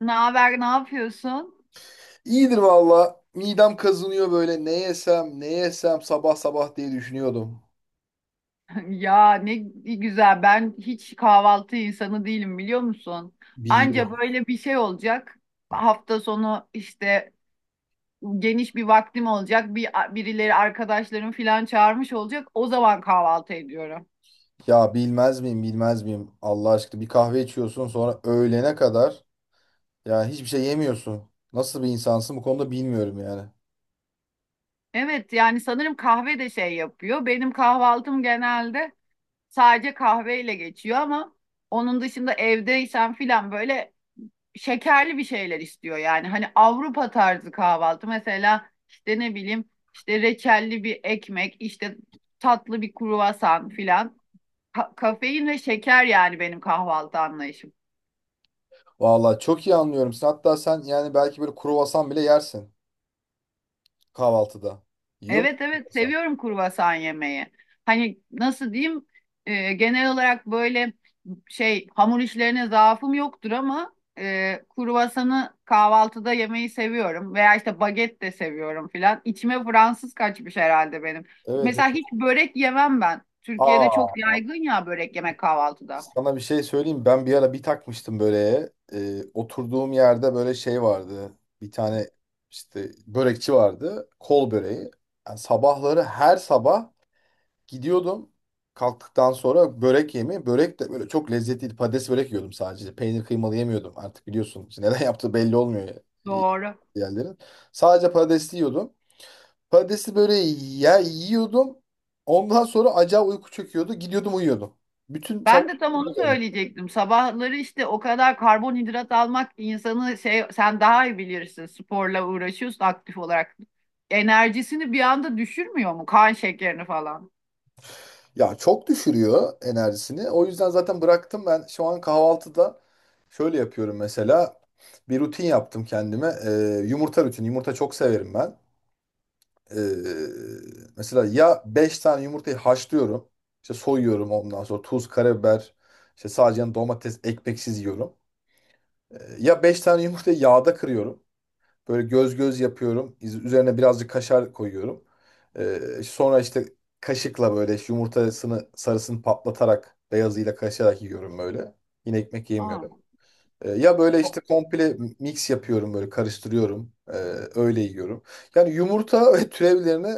Ne haber, ne yapıyorsun? İyidir valla. Midem kazınıyor böyle. Ne yesem, ne yesem sabah sabah diye düşünüyordum. Ya ne güzel. Ben hiç kahvaltı insanı değilim biliyor musun? Anca Biliyorum. böyle bir şey olacak. Hafta sonu işte geniş bir vaktim olacak. Birileri arkadaşlarım falan çağırmış olacak. O zaman kahvaltı ediyorum. Ya bilmez miyim, bilmez miyim? Allah aşkına bir kahve içiyorsun, sonra öğlene kadar ya hiçbir şey yemiyorsun. Nasıl bir insansın bu konuda bilmiyorum yani. Evet yani sanırım kahve de şey yapıyor. Benim kahvaltım genelde sadece kahveyle geçiyor ama onun dışında evdeysem filan böyle şekerli bir şeyler istiyor yani. Hani Avrupa tarzı kahvaltı mesela işte ne bileyim işte reçelli bir ekmek, işte tatlı bir kruvasan filan. Kafein ve şeker yani benim kahvaltı anlayışım. Valla çok iyi anlıyorum. Sen, hatta sen yani belki böyle kruvasan bile yersin kahvaltıda. Yiyor musun Evet evet kruvasan? seviyorum kurbasan yemeği. Hani nasıl diyeyim, genel olarak böyle şey hamur işlerine zaafım yoktur ama kruvasanı kahvaltıda yemeyi seviyorum. Veya işte baget de seviyorum filan. İçime Fransız kaçmış herhalde benim. Evet. Mesela Evet. hiç börek yemem ben. Türkiye'de çok Aa, yaygın ya börek yemek kahvaltıda. sana bir şey söyleyeyim. Ben bir ara bir takmıştım böyle. Oturduğum yerde böyle şey vardı. Bir tane işte börekçi vardı. Kol böreği. Yani sabahları her sabah gidiyordum. Kalktıktan sonra börek yemi. Börek de böyle çok lezzetliydi. Patates börek yiyordum sadece. Peynir kıymalı yemiyordum. Artık biliyorsun, işte neden yaptığı belli olmuyor ya. e, Doğru. Yerlerin. Sadece patatesli yiyordum. Patatesli böreği ya yiyordum. Ondan sonra acayip uyku çöküyordu. Gidiyordum, uyuyordum. Bütün sabah. Ben de tam onu söyleyecektim. Sabahları işte o kadar karbonhidrat almak insanı şey, sen daha iyi bilirsin. Sporla uğraşıyorsun aktif olarak. Enerjisini bir anda düşürmüyor mu? Kan şekerini falan. Ya çok düşürüyor enerjisini. O yüzden zaten bıraktım ben. Şu an kahvaltıda şöyle yapıyorum mesela. Bir rutin yaptım kendime. Yumurta rutini. Yumurta çok severim ben. Ee, mesela ya 5 tane yumurtayı haşlıyorum. İşte soyuyorum, ondan sonra tuz, karabiber, işte sadece yanına domates, ekmeksiz yiyorum. Ya 5 tane yumurtayı yağda kırıyorum. Böyle göz göz yapıyorum. Üzerine birazcık kaşar koyuyorum. İşte sonra işte kaşıkla böyle işte yumurtasını sarısını patlatarak beyazıyla kaşarak yiyorum böyle. Yine ekmek Aa, yemiyorum. Ya böyle o- işte komple mix yapıyorum, böyle karıştırıyorum. Öyle yiyorum. Yani yumurta ve türevlerini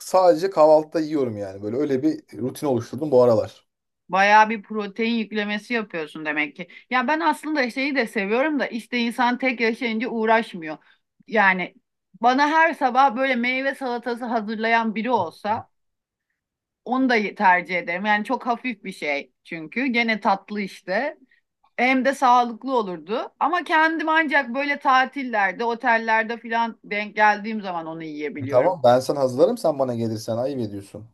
sadece kahvaltıda yiyorum yani. Böyle öyle bir rutin oluşturdum bu aralar. bayağı bir protein yüklemesi yapıyorsun demek ki. Ya ben aslında şeyi de seviyorum da işte insan tek yaşayınca uğraşmıyor. Yani bana her sabah böyle meyve salatası hazırlayan biri olsa onu da tercih ederim. Yani çok hafif bir şey çünkü. Gene tatlı işte. Hem de sağlıklı olurdu. Ama kendim ancak böyle tatillerde, otellerde falan denk geldiğim zaman onu yiyebiliyorum. Tamam, ben sana hazırlarım, sen bana gelirsen ayıp ediyorsun.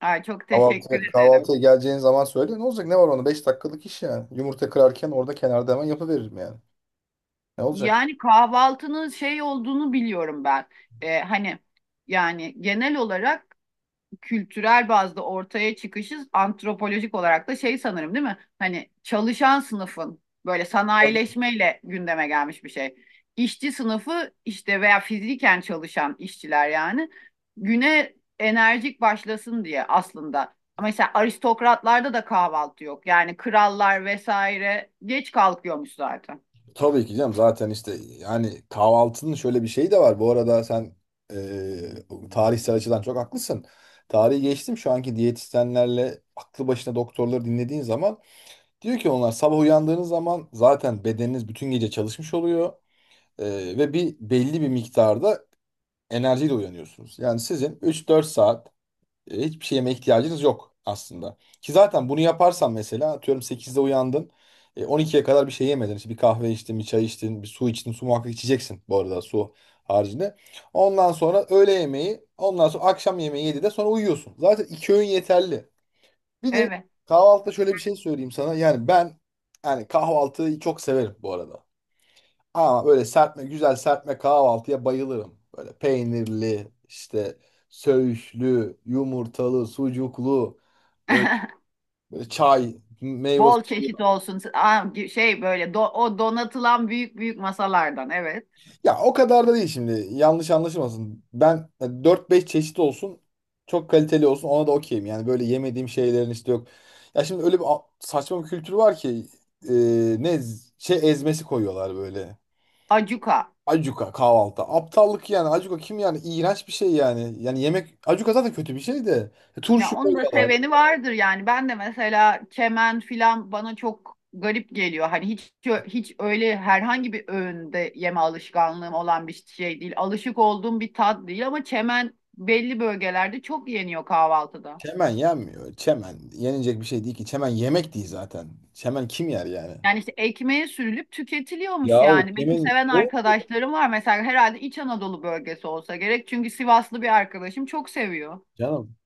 Ay, çok Kahvaltı, teşekkür ederim. kahvaltıya geleceğin zaman söyle. Ne olacak? Ne var onda? 5 dakikalık iş yani. Yumurta kırarken orada kenarda hemen yapıveririm yani. Ne olacak? Yani kahvaltının şey olduğunu biliyorum ben. Hani yani genel olarak kültürel bazda ortaya çıkışı antropolojik olarak da şey sanırım, değil mi? Hani çalışan sınıfın böyle Tabii, sanayileşmeyle gündeme gelmiş bir şey. İşçi sınıfı işte veya fiziken çalışan işçiler yani güne enerjik başlasın diye aslında. Ama mesela aristokratlarda da kahvaltı yok. Yani krallar vesaire geç kalkıyormuş zaten. tabii ki canım, zaten işte yani kahvaltının şöyle bir şeyi de var. Bu arada sen tarihsel açıdan çok haklısın. Tarihi geçtim, şu anki diyetisyenlerle aklı başına doktorları dinlediğin zaman diyor ki onlar sabah uyandığınız zaman zaten bedeniniz bütün gece çalışmış oluyor. Ve belli bir miktarda enerjiyle uyanıyorsunuz. Yani sizin üç dört saat hiçbir şey yemeye ihtiyacınız yok aslında. Ki zaten bunu yaparsan mesela atıyorum 8'de uyandın. 12'ye kadar bir şey yemedin. İşte bir kahve içtin, bir çay içtin, bir su içtin. Su muhakkak içeceksin bu arada, su haricinde. Ondan sonra öğle yemeği, ondan sonra akşam yemeği 7'de, sonra uyuyorsun. Zaten iki öğün yeterli. Bir de Evet. kahvaltıda şöyle bir şey söyleyeyim sana. Yani ben, yani kahvaltıyı çok severim bu arada. Ama böyle serpme, güzel serpme kahvaltıya bayılırım. Böyle peynirli, işte söğüşlü, yumurtalı, sucuklu, böyle, böyle çay, meyve Bol çeşit suyu. olsun. Aa, şey böyle o donatılan büyük büyük masalardan, evet. Ya o kadar da değil şimdi. Yanlış anlaşılmasın. Ben 4-5 çeşit olsun, çok kaliteli olsun, ona da okeyim. Yani böyle yemediğim şeylerin işte yok. Ya şimdi öyle bir saçma bir kültür var ki e, şey ezmesi koyuyorlar böyle. Acuka. Acuka kahvaltı. Aptallık yani. Acuka kim yani? İğrenç bir şey yani. Yani yemek. Acuka zaten kötü bir şey de. E, Ya Turşu onu da koyuyorlar. seveni vardır yani. Ben de mesela kemen filan bana çok garip geliyor. Hani hiç öyle herhangi bir öğünde yeme alışkanlığım olan bir şey değil. Alışık olduğum bir tat değil ama çemen belli bölgelerde çok yeniyor kahvaltıda. Çemen yenmiyor. Çemen yenilecek bir şey değil ki. Çemen yemek değil zaten. Çemen kim yer yani? Yani işte ekmeğe sürülüp tüketiliyormuş Yahu yani. Benim çemen. seven O arkadaşlarım var mesela, herhalde İç Anadolu bölgesi olsa gerek. Çünkü Sivaslı bir arkadaşım çok seviyor. canım.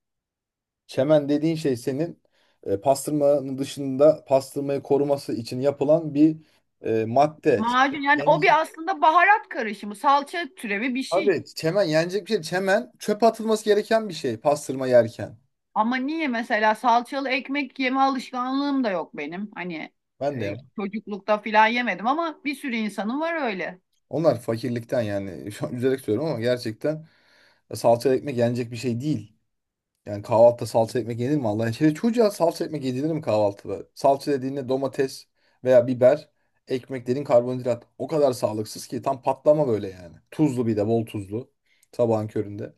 Çemen dediğin şey senin pastırmanın dışında pastırmayı koruması için yapılan bir madde. Çemen Macun yani o yenecek. bir aslında baharat karışımı, salça türevi bir şey. Abi çemen yenecek bir şey. Çemen çöpe atılması gereken bir şey pastırma yerken. Ama niye, mesela salçalı ekmek yeme alışkanlığım da yok benim. Hani Ben de. çocuklukta filan yemedim ama bir sürü insanın var öyle. Onlar fakirlikten yani şu an üzerek söylüyorum ama gerçekten salça ekmek yenecek bir şey değil. Yani kahvaltıda salça ekmek yenir mi Allah için? Çocuğa salça ekmek yedirir mi kahvaltıda? Salça dediğinde domates veya biber, ekmek dediğin karbonhidrat. O kadar sağlıksız ki tam patlama böyle yani. Tuzlu, bir de bol tuzlu sabahın köründe.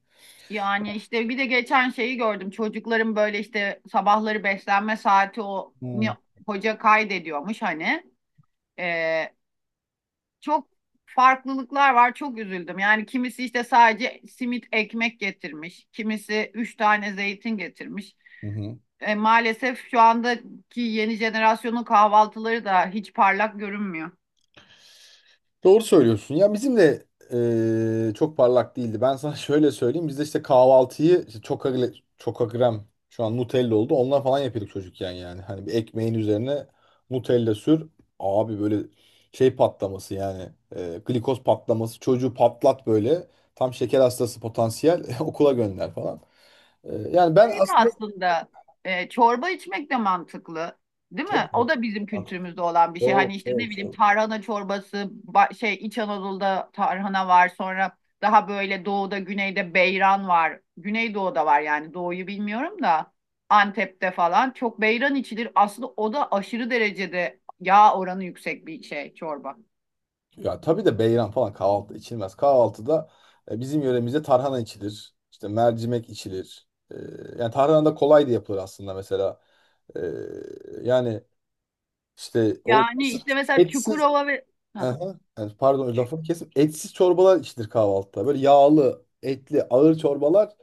Yani işte bir de geçen şeyi gördüm. Çocukların böyle işte sabahları beslenme saati, Hmm. hoca kaydediyormuş hani. E, Çok farklılıklar var. Çok üzüldüm. Yani kimisi işte sadece simit ekmek getirmiş. Kimisi üç tane zeytin getirmiş. Hı hı. Maalesef şu andaki yeni jenerasyonun kahvaltıları da hiç parlak görünmüyor. Doğru söylüyorsun. Ya bizim de çok parlak değildi. Ben sana şöyle söyleyeyim. Biz de işte kahvaltıyı işte çok çokagrem şu an Nutella oldu. Ondan falan yapıyorduk çocukken yani. Hani bir ekmeğin üzerine Nutella sür. Abi böyle şey patlaması yani. Glikoz patlaması. Çocuğu patlat böyle. Tam şeker hastası potansiyel. Okula gönder falan. Yani ben Şey de aslında aslında çorba içmek de mantıklı, değil mi? çok O da bizim kültürümüzde olan bir şey. çok Hani işte ne çok bileyim çok. tarhana çorbası, şey İç Anadolu'da tarhana var. Sonra daha böyle doğuda, güneyde beyran var. Güneydoğu'da var yani, doğuyu bilmiyorum da. Antep'te falan çok beyran içilir. Aslında o da aşırı derecede yağ oranı yüksek bir şey, çorba. Ya tabii de beyran falan kahvaltı içilmez. Kahvaltıda bizim yöremizde tarhana içilir. İşte mercimek içilir. Yani tarhana da kolay da yapılır aslında mesela. E, yani işte o Yani işte mesela etsiz. Çukurova ve Ha, Aha, yani pardon Çu- lafımı kesim. Etsiz çorbalar içilir kahvaltıda. Böyle yağlı, etli, ağır çorbalar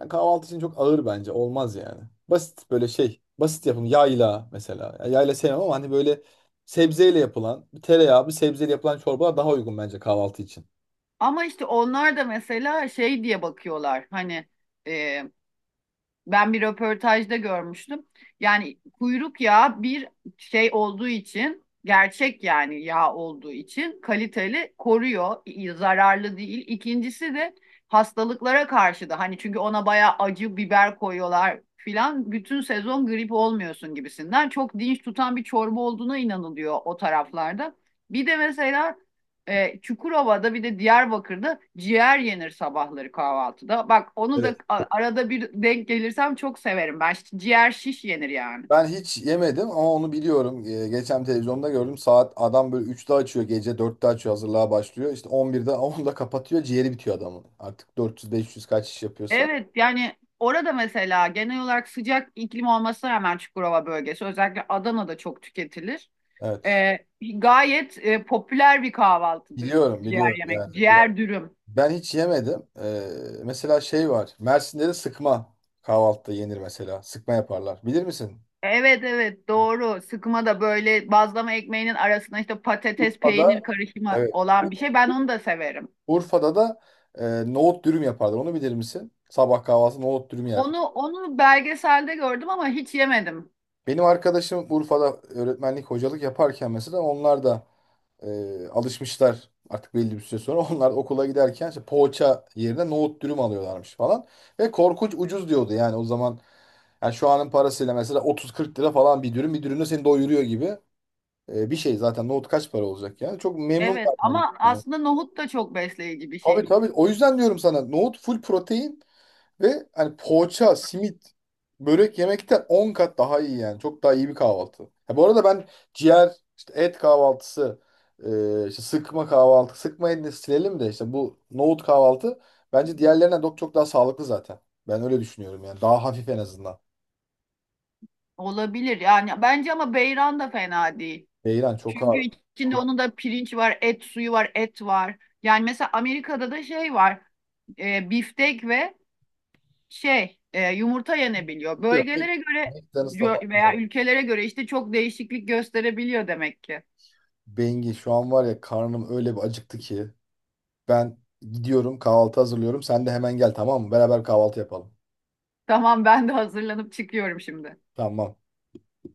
yani kahvaltı için çok ağır bence. Olmaz yani. Basit böyle şey. Basit yapım yayla mesela. Yani yayla sevmem ama hani böyle sebzeyle yapılan, bir tereyağı, bir sebzeyle yapılan çorbalar daha uygun bence kahvaltı için. ama işte onlar da mesela şey diye bakıyorlar hani, e, ben bir röportajda görmüştüm. Yani kuyruk yağı bir şey olduğu için, gerçek yani yağ olduğu için kaliteli koruyor, zararlı değil. İkincisi de hastalıklara karşı da hani, çünkü ona bayağı acı biber koyuyorlar filan, bütün sezon grip olmuyorsun gibisinden çok dinç tutan bir çorba olduğuna inanılıyor o taraflarda. Bir de mesela Çukurova'da bir de Diyarbakır'da ciğer yenir sabahları kahvaltıda. Bak onu da Evet. Arada bir denk gelirsem çok severim. Ben ciğer şiş yenir yani. Ben hiç yemedim ama onu biliyorum. Geçen televizyonda gördüm. Saat adam böyle 3'te açıyor, gece 4'te açıyor, hazırlığa başlıyor. İşte 11'de onda kapatıyor, ciğeri bitiyor adamın. Artık dört yüz beş yüz kaç iş yapıyorsa. Evet yani orada mesela genel olarak sıcak iklim olmasına rağmen Çukurova bölgesi, özellikle Adana'da çok tüketilir. Evet, E, Gayet popüler bir kahvaltıdır biliyorum ciğer biliyorum yemek, yani. Ciğer dürüm. Ben hiç yemedim. Mesela şey var, Mersin'de de sıkma kahvaltıda yenir mesela. Sıkma yaparlar. Bilir misin? Evet evet doğru. Sıkma da böyle bazlama ekmeğinin arasına işte patates peynir Urfa'da, karışımı evet. olan bir şey. Ben onu da severim. Urfa'da da nohut dürüm yaparlar. Onu bilir misin? Sabah kahvaltı nohut dürüm yer. Onu belgeselde gördüm ama hiç yemedim. Benim arkadaşım Urfa'da öğretmenlik, hocalık yaparken mesela onlar da alışmışlar artık belli bir süre sonra. Onlar okula giderken işte poğaça yerine nohut dürüm alıyorlarmış falan. Ve korkunç ucuz diyordu yani o zaman. Yani şu anın parasıyla mesela 30-40 lira falan bir dürüm. Bir dürümle seni doyuruyor gibi. Bir şey zaten nohut kaç para olacak yani. Çok memnun Evet kaldım ama ondan. aslında nohut da çok besleyici bir şey Tabii, tabii. O yüzden diyorum sana nohut full protein. Ve hani poğaça, simit, börek yemekten 10 kat daha iyi yani. Çok daha iyi bir kahvaltı. Ya bu arada ben ciğer, işte et kahvaltısı, işte sıkma kahvaltı, sıkmayı da silelim de işte bu nohut kahvaltı bence diğerlerinden çok çok daha sağlıklı zaten. Ben öyle düşünüyorum yani. Daha hafif en azından. olabilir. Yani bence ama beyran da fena değil. Beyran çok Çünkü ağır. içinde Kurtuyor. onun da pirinç var, et suyu var, et var. Yani mesela Amerika'da da şey var. Biftek ve şey yumurta yenebiliyor. Mc- Bölgelere göre McDonald's'la falan bu veya arada. ülkelere göre işte çok değişiklik gösterebiliyor demek ki. Bengi şu an var ya karnım öyle bir acıktı ki. Ben gidiyorum kahvaltı hazırlıyorum. Sen de hemen gel, tamam mı? Beraber kahvaltı yapalım. Tamam, ben de hazırlanıp çıkıyorum şimdi. Tamam.